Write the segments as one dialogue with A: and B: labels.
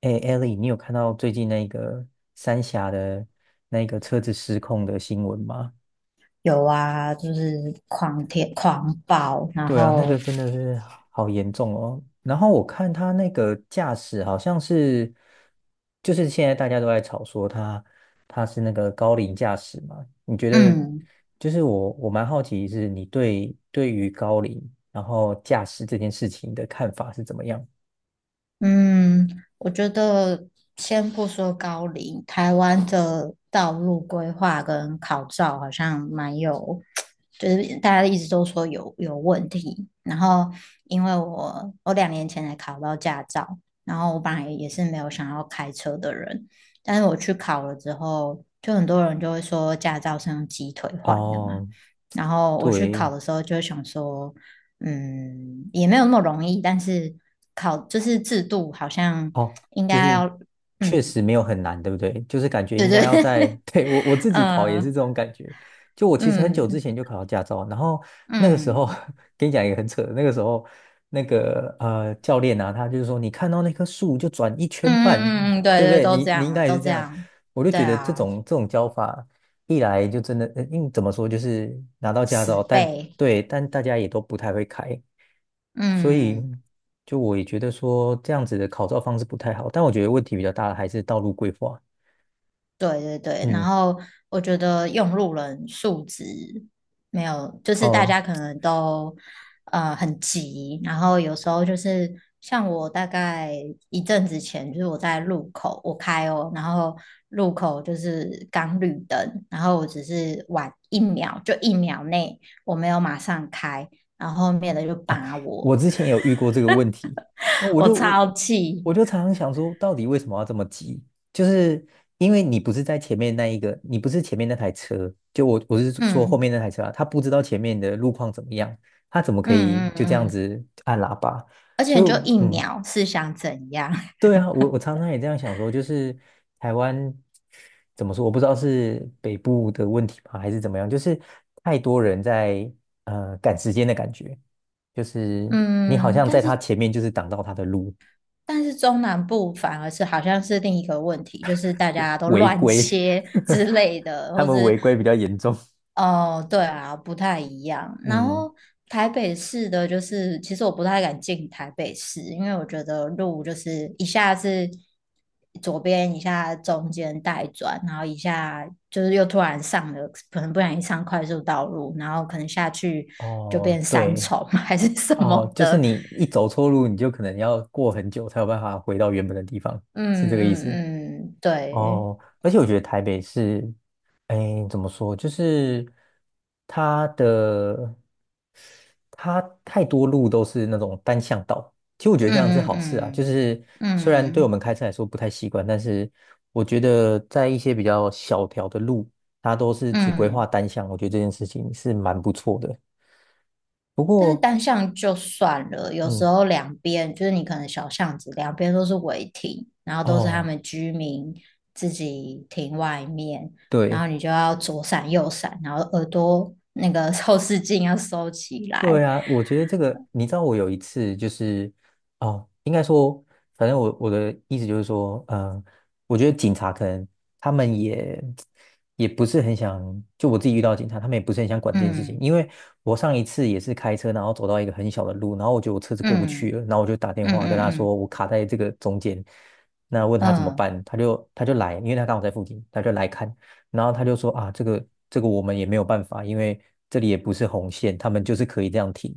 A: 哎，Ellie，你有看到最近那个三峡的那个车子失控的新闻吗？
B: 有啊，就是狂舔狂暴，然
A: 对啊，那
B: 后
A: 个真的是好严重哦。然后我看他那个驾驶好像是，就是现在大家都在吵说他是那个高龄驾驶嘛。你觉得，
B: 嗯，
A: 就是我蛮好奇是你对于高龄然后驾驶这件事情的看法是怎么样？
B: 嗯，我觉得先不说高龄，台湾的道路规划跟考照好像蛮有，就是大家一直都说有问题。然后因为我2年前才考到驾照，然后我本来也是没有想要开车的人，但是我去考了之后，就很多人就会说驾照是用鸡腿换的嘛。
A: 哦，
B: 然后我去
A: 对，
B: 考的时候就想说，也没有那么容易，但是考就是制度好像
A: 哦，
B: 应
A: 就
B: 该
A: 是
B: 要，
A: 确
B: 嗯，
A: 实没有很难，对不对？就是感觉应该要在，对，我自己考也是
B: 呃，
A: 这种感觉。就我其实很久之
B: 嗯
A: 前就考到驾照，然后那个时
B: 嗯
A: 候
B: 嗯
A: 跟你讲一个很扯的，那个时候那个教练啊，他就是说你看到那棵树就转一圈半，
B: 嗯，对
A: 对不
B: 对，
A: 对？
B: 都
A: 你
B: 这
A: 你应
B: 样，
A: 该也
B: 都
A: 是这
B: 这
A: 样，
B: 样，
A: 我就
B: 对
A: 觉得这
B: 啊，
A: 种这种教法一来就真的，嗯，怎么说就是拿到驾
B: 死
A: 照，但
B: 背，
A: 对，但大家也都不太会开。所以
B: 嗯。
A: 就我也觉得说这样子的考照方式不太好，但我觉得问题比较大的还是道路规划。
B: 对对对，然
A: 嗯，
B: 后我觉得用路人素质没有，就是大
A: 哦
B: 家可能都很急，然后有时候就是像我大概一阵子前，就是我在路口我开哦，然后路口就是刚绿灯，然后我只是晚一秒，就一秒内我没有马上开，然后后面的就
A: 哦，
B: 扒我，
A: 我之前也有遇过这个问题，那
B: 我超气，
A: 我就常常想说，到底为什么要这么急？就是因为你不是在前面那一个，你不是前面那台车，就我是说后面
B: 嗯
A: 那台车啊，他不知道前面的路况怎么样，他怎么可以
B: 嗯
A: 就这样
B: 嗯嗯，
A: 子按喇叭？
B: 而且
A: 所
B: 你就
A: 以，
B: 一
A: 嗯，
B: 秒是想怎样？
A: 对啊，我常常也这样想说，就是台湾怎么说，我不知道是北部的问题吧，还是怎么样，就是太多人在赶时间的感觉，就是你好
B: 嗯，
A: 像
B: 但
A: 在
B: 是
A: 他前面就是挡到他的路，
B: 但是中南部反而是好像是另一个问题，就是大家都
A: 违
B: 乱
A: 规，
B: 切 之 类的，
A: 他
B: 或
A: 们
B: 是
A: 违规比较严重。
B: 哦，对啊，不太一样。然
A: 嗯，
B: 后台北市的，就是其实我不太敢进台北市，因为我觉得路就是一下是左边，一下中间带转，然后一下就是又突然上了，可能不小心上快速道路，然后可能下去就
A: 哦，
B: 变三
A: 对，
B: 重 还是什
A: 哦，
B: 么
A: 就是
B: 的，
A: 你一走错路，你就可能要过很久才有办法回到原本的地方，是
B: 嗯
A: 这个意思。
B: 嗯嗯，对，
A: 哦，而且我觉得台北是，哎，怎么说，就是它的它太多路都是那种单向道。其实我觉得这样是
B: 嗯
A: 好事啊，就
B: 嗯
A: 是
B: 嗯
A: 虽然对我们
B: 嗯
A: 开车来说不太习惯，但是我觉得在一些比较小条的路，它都是只规划
B: 嗯，
A: 单向，我觉得这件事情是蛮不错的。不
B: 但是
A: 过，
B: 单向就算了，有时
A: 嗯，
B: 候两边就是你可能小巷子两边都是违停，然后都是他
A: 哦，
B: 们居民自己停外面，然
A: 对。
B: 后你就要左闪右闪，然后耳朵那个 后视镜要收起
A: 对
B: 来，
A: 啊，我觉得这个，你知道，我有一次就是，哦，应该说，反正我的意思就是说，嗯、我觉得警察可能他们也不是很想，就我自己遇到警察，他们也不是很想管这件事情，
B: 嗯
A: 因为我上一次也是开车，然后走到一个很小的路，然后我觉得我车子过不去
B: 嗯
A: 了，然后我就打电
B: 嗯
A: 话跟
B: 嗯
A: 他
B: 嗯
A: 说我卡在这个中间，那问他怎么
B: 嗯
A: 办，他就来，因为他刚好在附近，他就来看，然后他就说啊，这个我们也没有办法，因为这里也不是红线，他们就是可以这样停。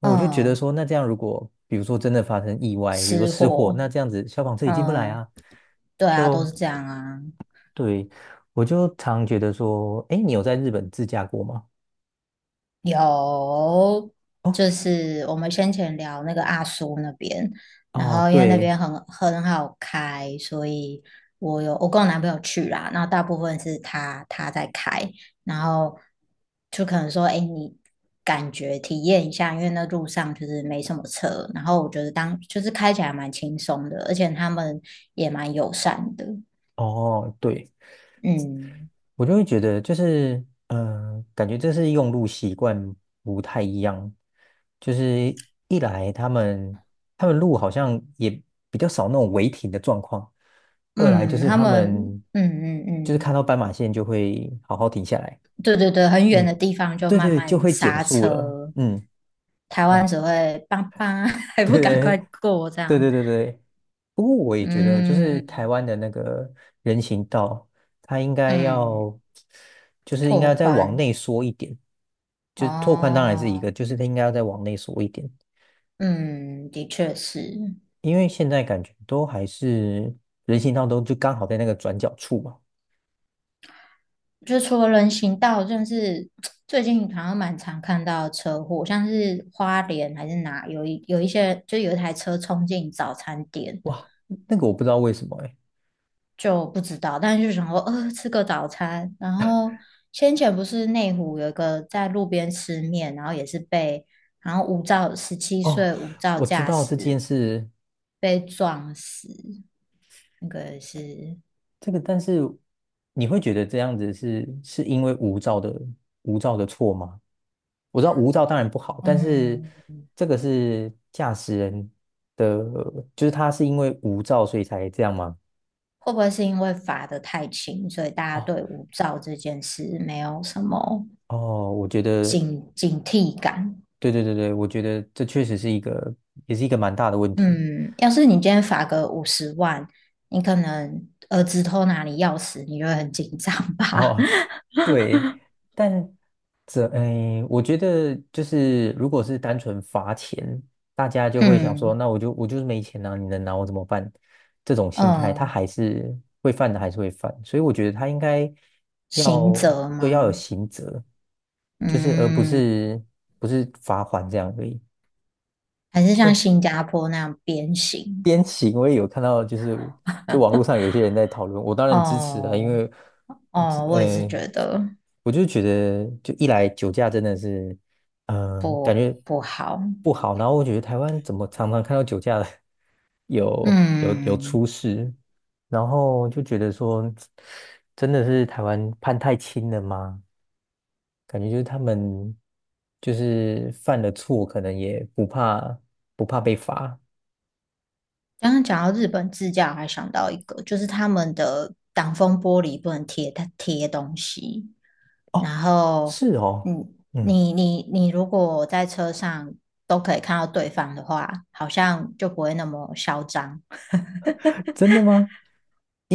A: 我就觉得
B: 嗯，
A: 说，那这样如果比如说真的发生意外，比如说
B: 吃
A: 失火，
B: 货，
A: 那这样子消防车也进不来
B: 嗯，
A: 啊。
B: 对啊，都
A: 就
B: 是这样啊，
A: 对，我就常觉得说，哎，你有在日本自驾过吗？
B: 有，
A: 哦
B: 就是我们先前聊那个阿苏那边，然
A: 哦，
B: 后因为那
A: 对，
B: 边很好开，所以我跟我男朋友去啦，然后大部分是他在开，然后就可能说，哎，你感觉体验一下，因为那路上就是没什么车，然后我觉得当就是开起来蛮轻松的，而且他们也蛮友善的，
A: 哦对。
B: 嗯
A: 我就会觉得就是，嗯、感觉这是用路习惯不太一样。就是一来他们路好像也比较少那种违停的状况，二来就
B: 嗯，
A: 是
B: 他
A: 他
B: 们。
A: 们就是看
B: 嗯
A: 到斑马线就会好好停下来，
B: 对对对，很远的
A: 嗯，
B: 地方就
A: 对
B: 慢
A: 对，就
B: 慢
A: 会减
B: 刹
A: 速了，
B: 车，
A: 嗯，
B: 台
A: 然
B: 湾
A: 后
B: 只会叭叭，还
A: 对
B: 不赶快
A: 对，
B: 过这
A: 对
B: 样。
A: 对对对，不过我也觉得，就是
B: 嗯
A: 台湾的那个人行道，它应该
B: 嗯，
A: 要，就是应
B: 拓
A: 该再往
B: 宽
A: 内缩一点，就是拓宽当然是一个，
B: 哦，
A: 就是它应该要再往内缩一点，
B: 嗯，的确是，
A: 因为现在感觉都还是人行道都就刚好在那个转角处嘛，
B: 就除了人行道，真的是 最近好像蛮常看到车祸，像是花莲还是哪有一些，就有一台车冲进早餐店，
A: 哇，那个我不知道为什么哎，
B: 就不知道，但是就想说，吃个早餐。然后先前不是内湖有一个在路边吃面，然后也是被，然后无照十七
A: 哦，
B: 岁无照
A: 我知
B: 驾
A: 道这件
B: 驶
A: 事，
B: 被撞死，那个是，
A: 这个但是你会觉得这样子是因为无照的无照的错吗？我知道无照当然不好，但是
B: 嗯，
A: 这个是驾驶人的，就是他是因为无照所以才这样吗？
B: 会不会是因为罚得太轻，所以大家
A: 哦
B: 对无照这件事没有什么
A: 哦，我觉得，
B: 警惕感？
A: 对对对对，我觉得这确实是一个，也是一个蛮大的问题。
B: 嗯，要是你今天罚个50万，你可能儿子偷拿你钥匙，你就会很紧张 吧？
A: 哦，对，但这，哎，我觉得就是，如果是单纯罚钱，大家 就会想说，
B: 嗯
A: 那我就是没钱啊，你能拿我怎么办？这种心态，他
B: 嗯，
A: 还是会犯的，还是会犯，所以我觉得他应该要
B: 刑责
A: 就要有
B: 吗？
A: 刑责，就是而不
B: 嗯，
A: 是罚款这样而已。
B: 还是像新加坡那样鞭刑？
A: 边骑，我也有看到，就是就网络上有些人在讨论，我当然支持啊，因
B: 哦
A: 为我只
B: 哦，我也是
A: 呃，
B: 觉得
A: 我就觉得，就一来酒驾真的是，感觉
B: 不好。
A: 不好，然后我觉得台湾怎么常常看到酒驾的 有
B: 嗯，
A: 出事，然后就觉得说，真的是台湾判太轻了吗？感觉就是他们就是犯了错，可能也不怕被罚。
B: 刚刚讲到日本自驾，我还想到一个，就是他们的挡风玻璃不能贴东西。
A: 哦，
B: 然后，
A: 是哦。
B: 嗯，
A: 嗯。
B: 你如果在车上都可以看到对方的话，好像就不会那么嚣张。
A: 真的吗？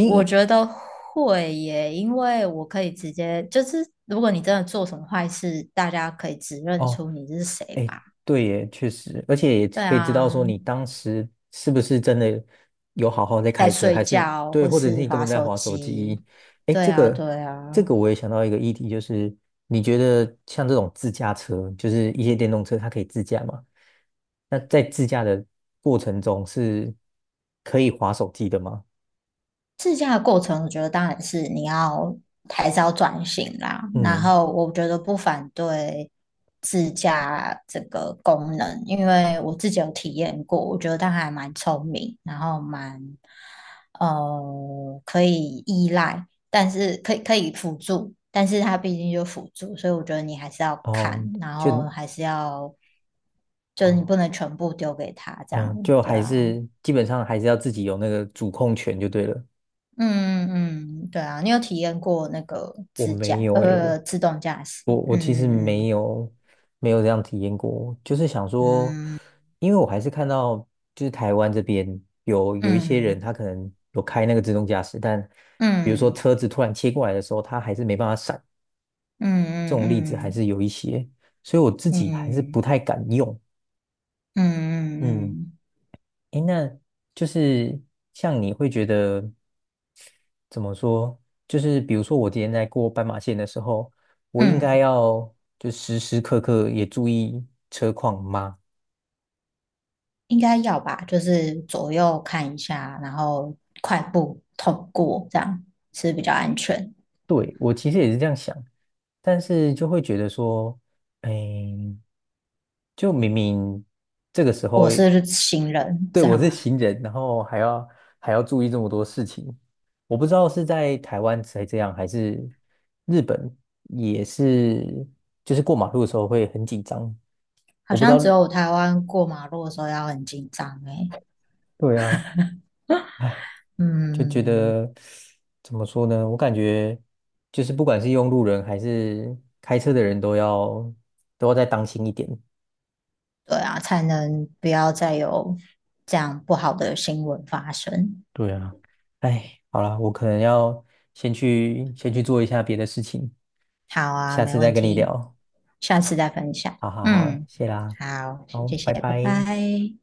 B: 我觉得会耶，因为我可以直接，就是如果你真的做什么坏事，大家可以指认
A: 哦，
B: 出你是谁
A: 哎，
B: 吧。
A: 对耶，确实，而且也
B: 对
A: 可以知道
B: 啊，
A: 说你当时是不是真的有好好在
B: 在
A: 开车，
B: 睡
A: 还是
B: 觉
A: 对，
B: 或
A: 或者是
B: 是
A: 你根
B: 划
A: 本在
B: 手
A: 划手
B: 机。
A: 机。哎，
B: 对
A: 这
B: 啊，
A: 个
B: 对
A: 这
B: 啊。
A: 个我也想到一个议题，就是你觉得像这种自驾车，就是一些电动车，它可以自驾吗？那在自驾的过程中是可以划手机的吗？
B: 自驾的过程，我觉得当然是你要还是要转型啦。然
A: 嗯，
B: 后我觉得不反对自驾这个功能，因为我自己有体验过，我觉得它还蛮聪明，然后蛮可以依赖，但是可以辅助，但是它毕竟就辅助，所以我觉得你还是要
A: 哦，
B: 看，然
A: 就
B: 后还是要就是你不
A: 哦。
B: 能全部丢给他这样，
A: 哦，就
B: 对
A: 还
B: 啊，
A: 是基本上还是要自己有那个主控权就对了。
B: 嗯嗯嗯，对啊，你有体验过那个
A: 我
B: 自
A: 没
B: 驾，
A: 有诶，我
B: 自动驾驶？
A: 我我其实
B: 嗯
A: 没有这样体验过，就是想说，
B: 嗯
A: 因为我还是看到就是台湾这边有一些人
B: 嗯
A: 他可能有开那个自动驾驶，但比如说
B: 嗯
A: 车子突然切过来的时候，他还是没办法闪，
B: 嗯
A: 这
B: 嗯
A: 种例子还
B: 嗯
A: 是有一些，所以我自己还是
B: 嗯
A: 不太敢用。
B: 嗯嗯
A: 嗯，
B: 嗯
A: 诶，那就是像你会觉得怎么说？就是比如说，我今天在过斑马线的时候，我
B: 嗯，
A: 应该
B: 嗯，
A: 要就时时刻刻也注意车况吗？
B: 应该要吧，就是左右看一下，然后快步通过，这样是比较安全。
A: 对，我其实也是这样想，但是就会觉得说，哎，就明明这个时候
B: 我是行人，
A: 对，
B: 这
A: 我
B: 样
A: 是
B: 吗？
A: 行人，然后还要注意这么多事情，我不知道是在台湾才这样，还是日本也是，就是过马路的时候会很紧张。
B: 好
A: 我不知
B: 像
A: 道，
B: 只有台湾过马路的时候要很紧张诶。
A: 对啊，哎，就觉
B: 嗯。
A: 得怎么说呢？我感觉就是不管是用路人还是开车的人都要再当心一点。
B: 对啊，才能不要再有这样不好的新闻发生。
A: 对啊，哎，好啦，我可能要先去做一下别的事情，
B: 好啊，
A: 下
B: 没
A: 次再
B: 问
A: 跟你
B: 题，
A: 聊。
B: 下次再分享。
A: 好好好，
B: 嗯，
A: 谢啦，
B: 好，
A: 好，
B: 谢谢，
A: 拜
B: 拜
A: 拜。
B: 拜。